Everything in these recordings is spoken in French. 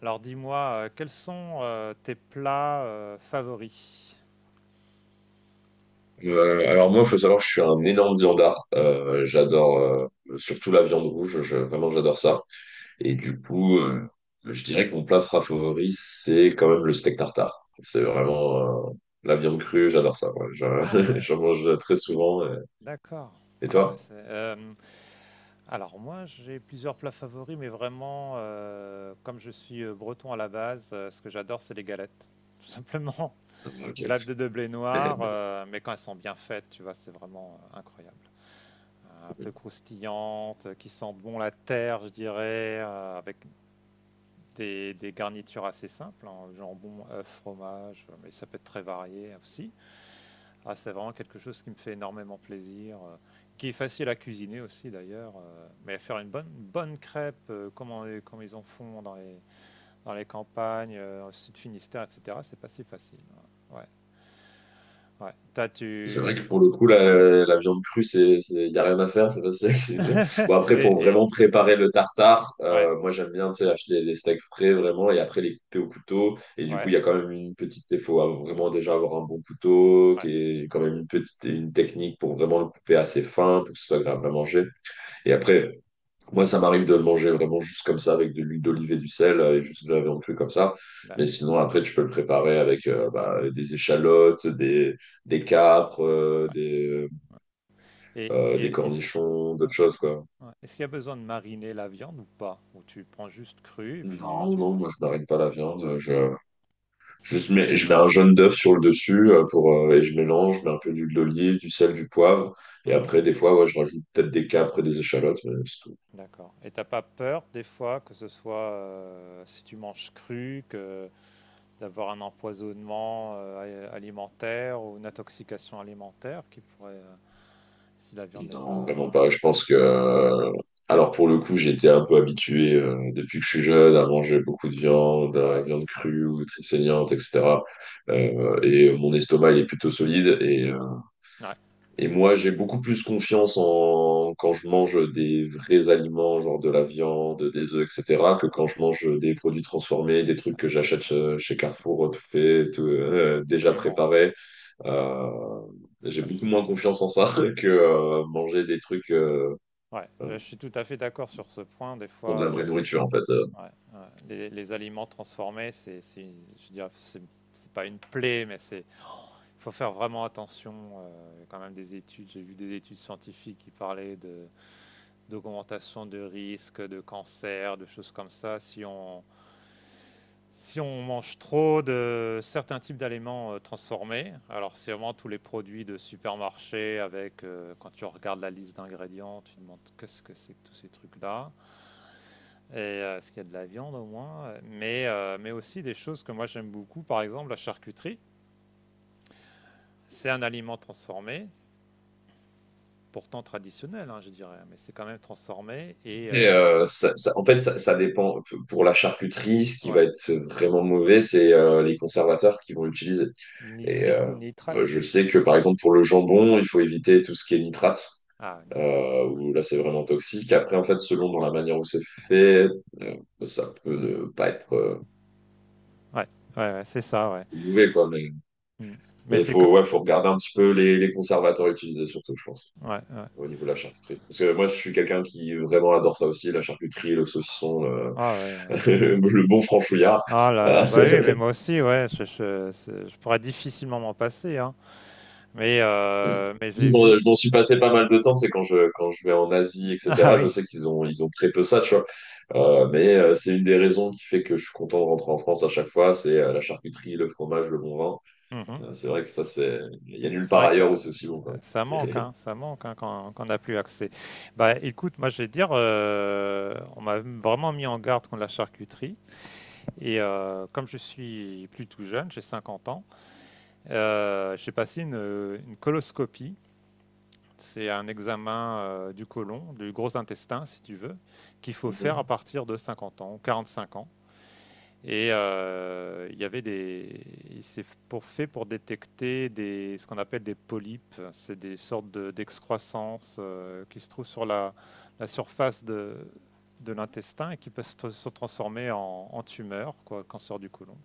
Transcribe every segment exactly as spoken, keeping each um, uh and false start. Alors dis-moi, euh, quels sont euh, tes plats euh, favoris? Euh, alors moi, il faut savoir que je suis un énorme viandard. Euh, j'adore euh, surtout la viande rouge. Je, vraiment, j'adore ça. Et du coup, euh, je dirais que mon plat fra- favori, c'est quand même le steak tartare. C'est vraiment euh, la viande crue. J'adore ça. Ouais. Ah Je- ouais. J'en mange très souvent. euh. D'accord. Et Ah bah toi? c'est, euh, alors moi j'ai plusieurs plats favoris, mais vraiment euh, comme je suis euh, breton à la base, euh, ce que j'adore c'est les galettes. Tout simplement. Ah, ok. Galettes de blé noir, euh, mais quand elles sont bien faites, tu vois, c'est vraiment euh, incroyable. Un peu croustillantes, euh, qui sentent bon la terre, je dirais, euh, avec des, des garnitures assez simples, hein, jambon, œuf, fromage, euh, mais ça peut être très varié aussi. Ah, c'est vraiment quelque chose qui me fait énormément plaisir, heu, qui est facile à cuisiner aussi d'ailleurs, heu, mais faire une bonne bonne crêpe, heu, comme on les comme ils en font dans les dans les campagnes, heu, dans sud Finistère et cetera, c'est pas si facile, hein. Ouais. Ouais, T'as C'est vrai que tu pour le coup, la, la viande crue, c'est, c'est, y a rien à faire, c'est facile à cuisiner. Bon, après, pour et et vraiment préparer le tartare, ouais, euh, moi, j'aime bien, tu sais, acheter des steaks frais, vraiment, et après, les couper au couteau. Et du coup, il ouais, y a quand même une petite, il faut avoir- vraiment déjà avoir un bon couteau, ouais. qui est quand même une petite, une technique pour vraiment le couper assez fin, pour que ce soit agréable à manger. Et Mmh. après, moi, ça m'arrive de le manger vraiment juste comme ça, avec de l'huile d'olive et du sel, euh, et juste de la viande crue comme ça. Bah, Mais sinon, après, tu peux le préparer avec euh, bah, des échalotes, des, des capres, euh, ouais, des, ouais euh, et des et est-ce cornichons, ouais, d'autres choses, quoi. ouais, est-ce qu'il y a besoin de mariner la viande ou pas? Ou tu prends juste crue et puis Non, tu y non, vas? moi, je marine pas la viande. Non? Je, juste mets, je mets un jaune d'œuf sur le dessus euh, pour, euh, et je mélange, je mets un peu d'huile d'olive, du sel, du poivre. Et Mmh. après, des fois, ouais, je rajoute peut-être des capres et des échalotes, mais c'est tout. D'accord. Et t'as pas peur des fois que ce soit euh, si tu manges cru, que d'avoir un empoisonnement euh, a- alimentaire ou une intoxication alimentaire qui pourrait, euh, si la viande n'est Non, vraiment pas. pas. Je pense que. euh, Alors, pour le coup, j'étais un peu habitué euh, depuis que je suis jeune à manger beaucoup de viande, euh, Ouais, viande ouais, crue ou très saignante, et cetera. Euh, et mon estomac, il est plutôt solide. Et, euh, ouais, Et moi, j'ai beaucoup plus confiance en quand je mange des vrais aliments, genre de la viande, des œufs, et cetera, que quand je mange des produits transformés, des trucs que j'achète euh, chez Carrefour, euh, tout fait, tout, euh, déjà absolument. préparé. Euh, j'ai Ouais, beaucoup je, moins confiance en ça que euh, manger des trucs. euh, ouais, euh, je suis tout à fait d'accord sur ce point. Des pour de fois, la les, vraie ouais, nourriture en fait. euh. ouais, les- les aliments transformés, c'est, c'est une- je dirais, c'est c'est pas une plaie, mais c'est, faut faire vraiment attention. Euh, il y a quand même des études, j'ai vu des études scientifiques qui parlaient de d'augmentation de risque de cancer, de choses comme ça, si on, si on mange trop de certains types d'aliments euh, transformés. Alors, c'est vraiment tous les produits de supermarché avec, euh, quand tu regardes la liste d'ingrédients, tu te demandes qu'est-ce que c'est que tous ces trucs-là, et euh, est-ce qu'il y a de la viande au moins, mais, euh, mais aussi des choses que moi j'aime beaucoup, par exemple la charcuterie. C'est un aliment transformé, pourtant traditionnel, hein, je dirais, mais c'est quand même transformé et Et euh, euh, ça, ça- en fait, ça, ça dépend. Pour la charcuterie, ce qui va ouais, être vraiment mauvais, c'est euh, les conservateurs qu'ils vont utiliser. Et nitrite euh, ou euh, nitrate, je je sais sais plus. que par exemple pour le jambon, il faut éviter tout ce qui est nitrate. Ah, nitrate. Euh, où là c'est vraiment toxique. Après, en fait, selon dans la manière où c'est fait, euh, ça peut ne pas être euh, Ouais, ouais, ouais, c'est ça, ouais. mauvais quoi. Mais Mm. mais Mais il c'est que. faut ouais, faut regarder un petit peu les, les conservateurs utilisés surtout, je pense. Ouais, ouais. Au niveau de la charcuterie. Parce que moi, je suis quelqu'un qui vraiment adore ça aussi, la charcuterie, le saucisson, euh, Ah, ouais, ouais. le bon franchouillard. Ah là là, Euh, bah oui, mais moi aussi, ouais, je, je, c'est- je pourrais difficilement m'en passer, hein. Mais, mm. euh, mais j'ai vu. Bon, je m'en suis passé pas mal de temps, c'est quand je, quand je vais en Asie, Ah et cetera. Je oui, sais qu'ils ont, ils ont très peu ça, tu vois. Euh, mais euh, c'est une des raisons qui fait que je suis content de rentrer en France à chaque fois, c'est euh, la charcuterie, le fromage, le bon vin. mhm. Euh, c'est vrai que ça, c'est, il y a nulle C'est part vrai que ailleurs où ça, c'est aussi bon, quand ça manque, hein, ça manque hein, quand, quand on n'a plus accès. Bah écoute, moi je vais te dire, euh, on m'a vraiment mis en garde contre la charcuterie. Et euh, comme je suis plus tout jeune, j'ai cinquante ans, euh, j'ai passé une, une coloscopie. C'est un examen euh, du côlon, du gros intestin, si tu veux, qu'il faut faire à Mhm. partir de cinquante ans, quarante-cinq ans. Et euh, il y avait des, c'est pour fait pour détecter des, ce qu'on appelle des polypes. C'est des sortes de- d'excroissances euh, qui se trouvent sur la, la surface de, de l'intestin et qui peuvent se se transformer en, en tumeur, quoi, cancer du côlon.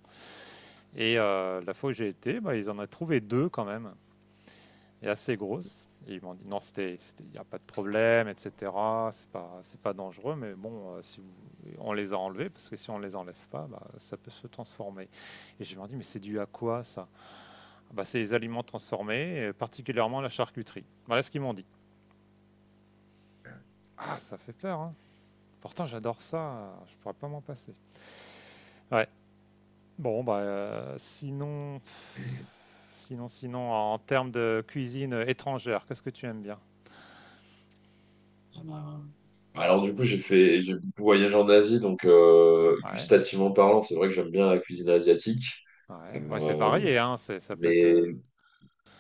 Et euh, la fois où j'ai été, bah, ils en ont trouvé deux quand même est assez grosse. Et ils m'ont dit non, c'était, il n'y a pas de problème, et cetera. C'est pas, c'est pas dangereux, mais bon, euh, si vous- on les a enlevés parce que si on les enlève pas, bah, ça peut se transformer. Et je leur dis mais c'est dû à quoi ça. Ah bah, c'est les aliments transformés, et particulièrement la charcuterie. Voilà ce qu'ils m'ont dit. Ah, ça fait peur. Hein. Pourtant, j'adore ça. Je pourrais pas m'en passer. Ouais. Bon, bah, euh, sinon, sinon, sinon, en termes de cuisine étrangère, qu'est-ce que tu aimes bien? Euh, Alors du coup, j'ai fait, j'ai beaucoup voyagé en Asie, donc euh, Ouais. gustativement parlant, c'est vrai que j'aime bien la cuisine asiatique. Ouais, ouais c'est Euh, varié, hein. C'est- Ça peut être. mais, Euh,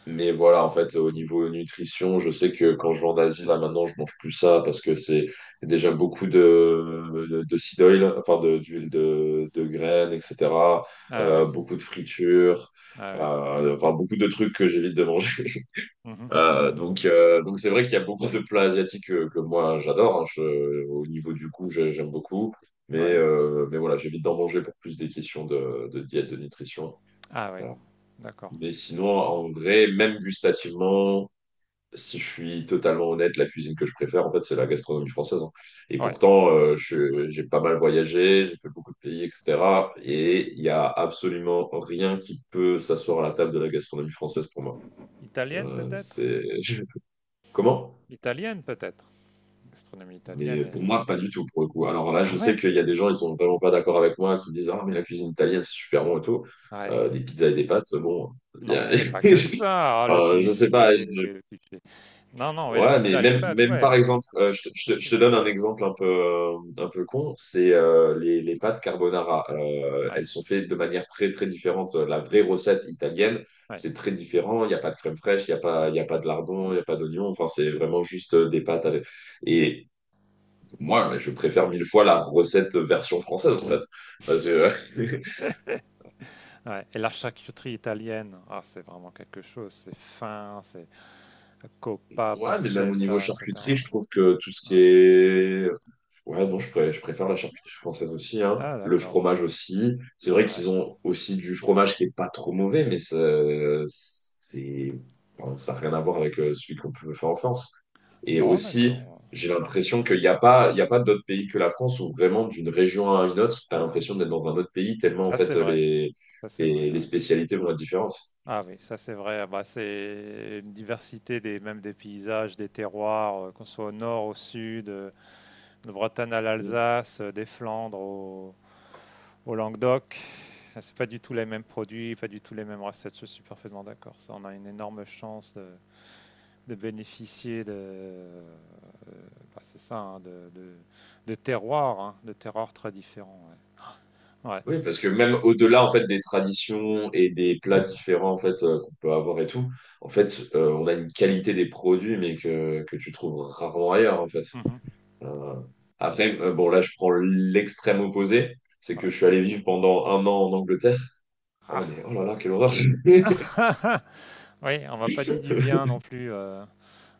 mais voilà, en fait, au mm. niveau nutrition, je sais que quand je vais en Asie, là maintenant, je mange plus ça parce que c'est déjà beaucoup de, de, de seed oil, enfin de, d'huile de, de graines, et cetera. Ah Euh, ouais, Beaucoup de fritures, ah ouais. euh, enfin beaucoup de trucs que j'évite de manger. Mhm. Euh, donc, euh, donc c'est vrai qu'il y a beaucoup de plats asiatiques euh, que, moi j'adore. Hein. Je- au niveau du goût, j'ai- j'aime beaucoup. Mais, Ouais. Euh, mais voilà, j'évite d'en manger pour plus des questions de, de diète, de nutrition. Ah ouais, Voilà. d'accord. Mais sinon, en vrai, même gustativement, si je suis totalement honnête, la cuisine que je préfère, en fait, c'est la gastronomie française. Hein. Et Ouais. pourtant, euh, je- j'ai pas mal voyagé, j'ai fait beaucoup de pays, et cetera. Et il y a absolument rien qui peut s'asseoir à la table de la gastronomie française pour moi. Italienne Euh, peut-être? C'est... Comment? Italienne peut-être. Gastronomie italienne Mais pour et. moi, pas du tout, pour le coup. Alors là, Ah je sais ouais? qu'il y a des gens, ils sont vraiment pas d'accord avec moi, qui me disent, ah, mais la cuisine italienne, c'est super bon et tout. Ouais. Euh, des pizzas et des pâtes, bon, il y Non, mais a... c'est pas que ça, ah, le Euh, je sais pas. cliché, je- le cliché. Non, non, ouais, les Ouais, mais pizzas, les même, pâtes, même ouais, par mais c'est exemple, c'est euh, bien je te, autre je te- je te chose. donne un exemple un peu, euh, un peu con, c'est euh, les, les pâtes carbonara. Euh, Ouais, Elles sont faites de manière très, très différente. La vraie recette italienne, ouais, c'est très différent. Il n'y a pas de crème fraîche, il n'y a pas, ouais, il y a pas de lardon, il n'y a pas d'oignon. Enfin, c'est vraiment juste euh, des pâtes avec... Et moi, je préfère mille fois la recette version française, en fait. Parce que- ouais. Et la charcuterie italienne, ah, c'est vraiment quelque chose, c'est fin, c'est coppa, ouais, mais même au niveau pancetta, charcuterie, et cetera. je trouve que tout ce qui Ouais. est ouais, non, je, pré- je préfère la charcuterie française aussi, hein. Ah, Le d'accord. fromage aussi. C'est vrai Ouais. qu'ils ont aussi du fromage qui est pas trop mauvais, mais ça, c'est, enfin, ça n'a rien à voir avec euh, celui qu'on peut faire en France. Et Non, aussi, d'accord. j'ai Mmh. l'impression qu'il n'y a pas, il y a pas d'autres pays que la France où vraiment d'une région à une autre, tu as Ah, l'impression d'être dans un autre pays tellement en ça c'est fait vrai, les, ça c'est vrai, les, les ouais. spécialités vont être différentes. Ah oui, ça c'est vrai, ah bah, c'est une diversité des même des paysages, des terroirs, heu, qu'on soit au nord, au sud, heu, de Bretagne à l'Alsace, heu, des Flandres au au Languedoc. Ah, c'est pas du tout les mêmes produits, pas du tout les mêmes recettes, je suis parfaitement d'accord. Ça, on a une énorme chance de de bénéficier de, heu, bah, c'est ça, hein, de de de terroirs, hein, de terroirs très différents, ouais. Ouais. Oui, parce que même au-delà en fait des traditions et des plats différents en fait euh, qu'on peut avoir et tout, en fait, euh, on a une qualité des produits mais que, que tu trouves rarement ailleurs en fait. Mmh. Euh, après, euh, bon là je prends l'extrême opposé, c'est Ouais. que Ouais. je suis allé vivre pendant un an en Angleterre. Oh Ah! mais oh là là, quelle horreur! Oui, on m'a pas dit du bien non plus, heu,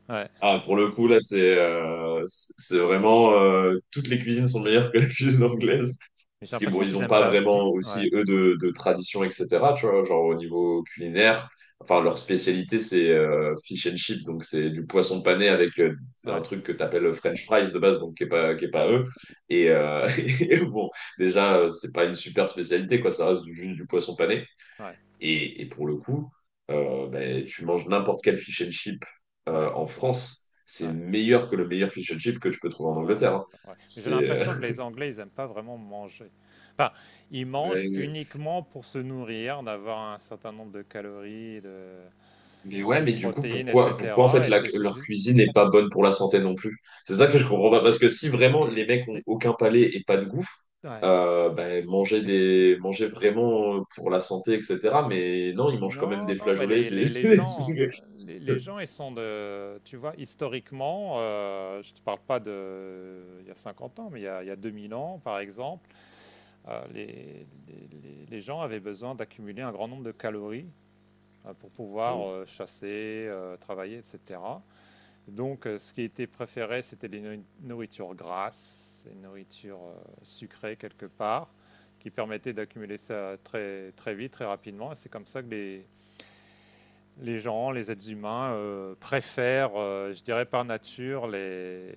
ouais. Ah, pour le coup, là, c'est euh, c'est c'est vraiment... euh, Toutes les cuisines sont meilleures que la cuisine anglaise. Mais j'ai Parce que bon, l'impression ils qu'ils n'ont aiment pas pas qui vraiment ouais, aussi, eux, de, de tradition, et cetera. Tu vois, genre au niveau culinaire. Enfin, leur spécialité, c'est euh, fish and chip. Donc, c'est du poisson pané avec euh, un ouais, truc que tu appelles French fries de base, donc qui n'est pas, qui est pas eux. Et, euh, et bon, déjà, euh, c'est pas une super spécialité, quoi. Ça reste du- juste du poisson pané. ouais, Et, et pour le coup, euh, ben, tu manges n'importe quel fish and chip ouais, euh, en France, c'est ouais. meilleur que le meilleur fish and chip que tu peux trouver en Ah Angleterre. mon Hein. Dieu, ouais. Mais j'ai C'est l'impression que les Anglais, ils aiment pas vraiment manger. Enfin, ils mangent Ouais, uniquement pour se nourrir, d'avoir un certain nombre de calories, de mais ouais, de mais du coup, protéines et pourquoi, pourquoi en cetera fait et la- c'est c'est leur juste cuisine n'est pas bonne pour la santé non plus? C'est ça que je comprends pas. Parce que si vraiment et les mecs ont c'est aucun palais et pas de goût, ouais, euh, ben, manger mais des, manger vraiment euh, pour la santé, et cetera. Mais non, ils mangent quand même non, des non, mais flageolets, les, les, des, les des gens, trucs. les, les gens, ils sont de, tu vois, historiquement, euh, je ne te parle pas de, il y a cinquante ans, mais il y a, il y a deux mille ans, par exemple, euh, les, les- les- les gens avaient besoin d'accumuler un grand nombre de calories euh, pour pouvoir euh, chasser, euh, travailler, et cetera. Donc, euh, ce qui était préféré, c'était les nourri- nourritures grasses, les nourritures euh, sucrées quelque part, qui permettaient d'accumuler ça très, très vite, très rapidement, et c'est comme ça que les les gens, les êtres humains euh, préfèrent, euh, je dirais par nature, les-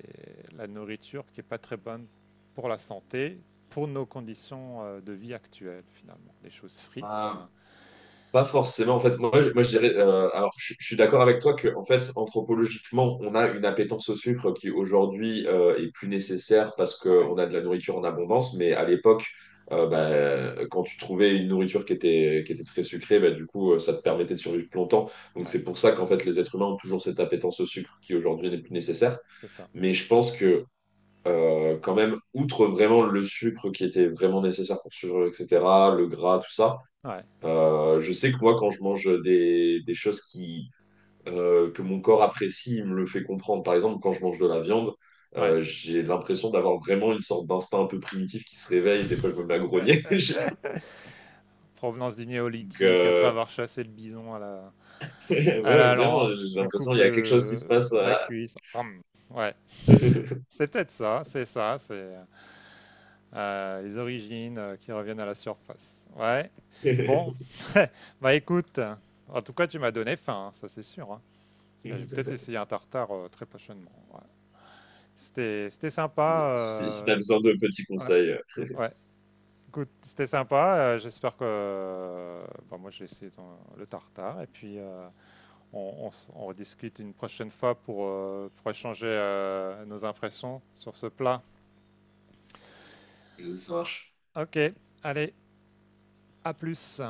la nourriture qui n'est pas très bonne pour la santé, pour nos conditions euh, de vie actuelles finalement. Les choses frites, Mm. hein, Pas forcément. En fait, moi, je, moi, je dirais. sucrées. euh, alors, je, Je suis d'accord avec toi que, en fait, anthropologiquement, on a une appétence au sucre qui aujourd'hui euh, est plus nécessaire parce Ouais, qu'on a de la nourriture en abondance. Mais à l'époque, euh, bah, quand tu trouvais une nourriture qui était, qui était très sucrée, bah, du coup, euh, ça te permettait de survivre plus longtemps. Donc, ouais, c'est pour ça qu'en fait, les êtres humains ont toujours cette appétence au sucre qui aujourd'hui n'est plus nécessaire. c'est ça. Mais je pense que, euh, Quand même, outre vraiment le sucre qui était vraiment nécessaire pour survivre, et cetera, le gras, tout ça. Ouais, Euh, je sais que moi, quand je mange des, des choses qui, euh, que mon corps apprécie, il me le fait comprendre. Par exemple, quand je mange de la viande, ouais. euh, j'ai l'impression d'avoir vraiment une sorte d'instinct un peu primitif qui se réveille. Des fois, je me mets à grogner. Je- Provenance du Donc, néolithique, après euh, avoir chassé le bison à la, à ouais, la vraiment, lance, j'ai tu l'impression coupes qu'il y a quelque chose qui se le- passe. la à- cuisse. Hum, ouais, c'est peut-être ça, c'est ça, c'est euh, les origines euh, qui reviennent à la surface. Ouais. Bon, bah écoute, en tout cas, tu m'as donné faim, hein, ça c'est sûr. Hein. Et je vais peut-être essayer un tartare euh, très prochainement. Ouais. C'était, c'était sympa. Si, si Euh, t'as besoin de petits ouais, conseils, ouais. Écoute, c'était sympa. Euh, j'espère que, euh, bah, moi, j'ai essayé ton- le tartare et puis euh, on, on s- on rediscute une prochaine fois pour, euh, pour échanger euh, nos impressions sur ce plat. euh, ça marche. Ok, allez, à plus.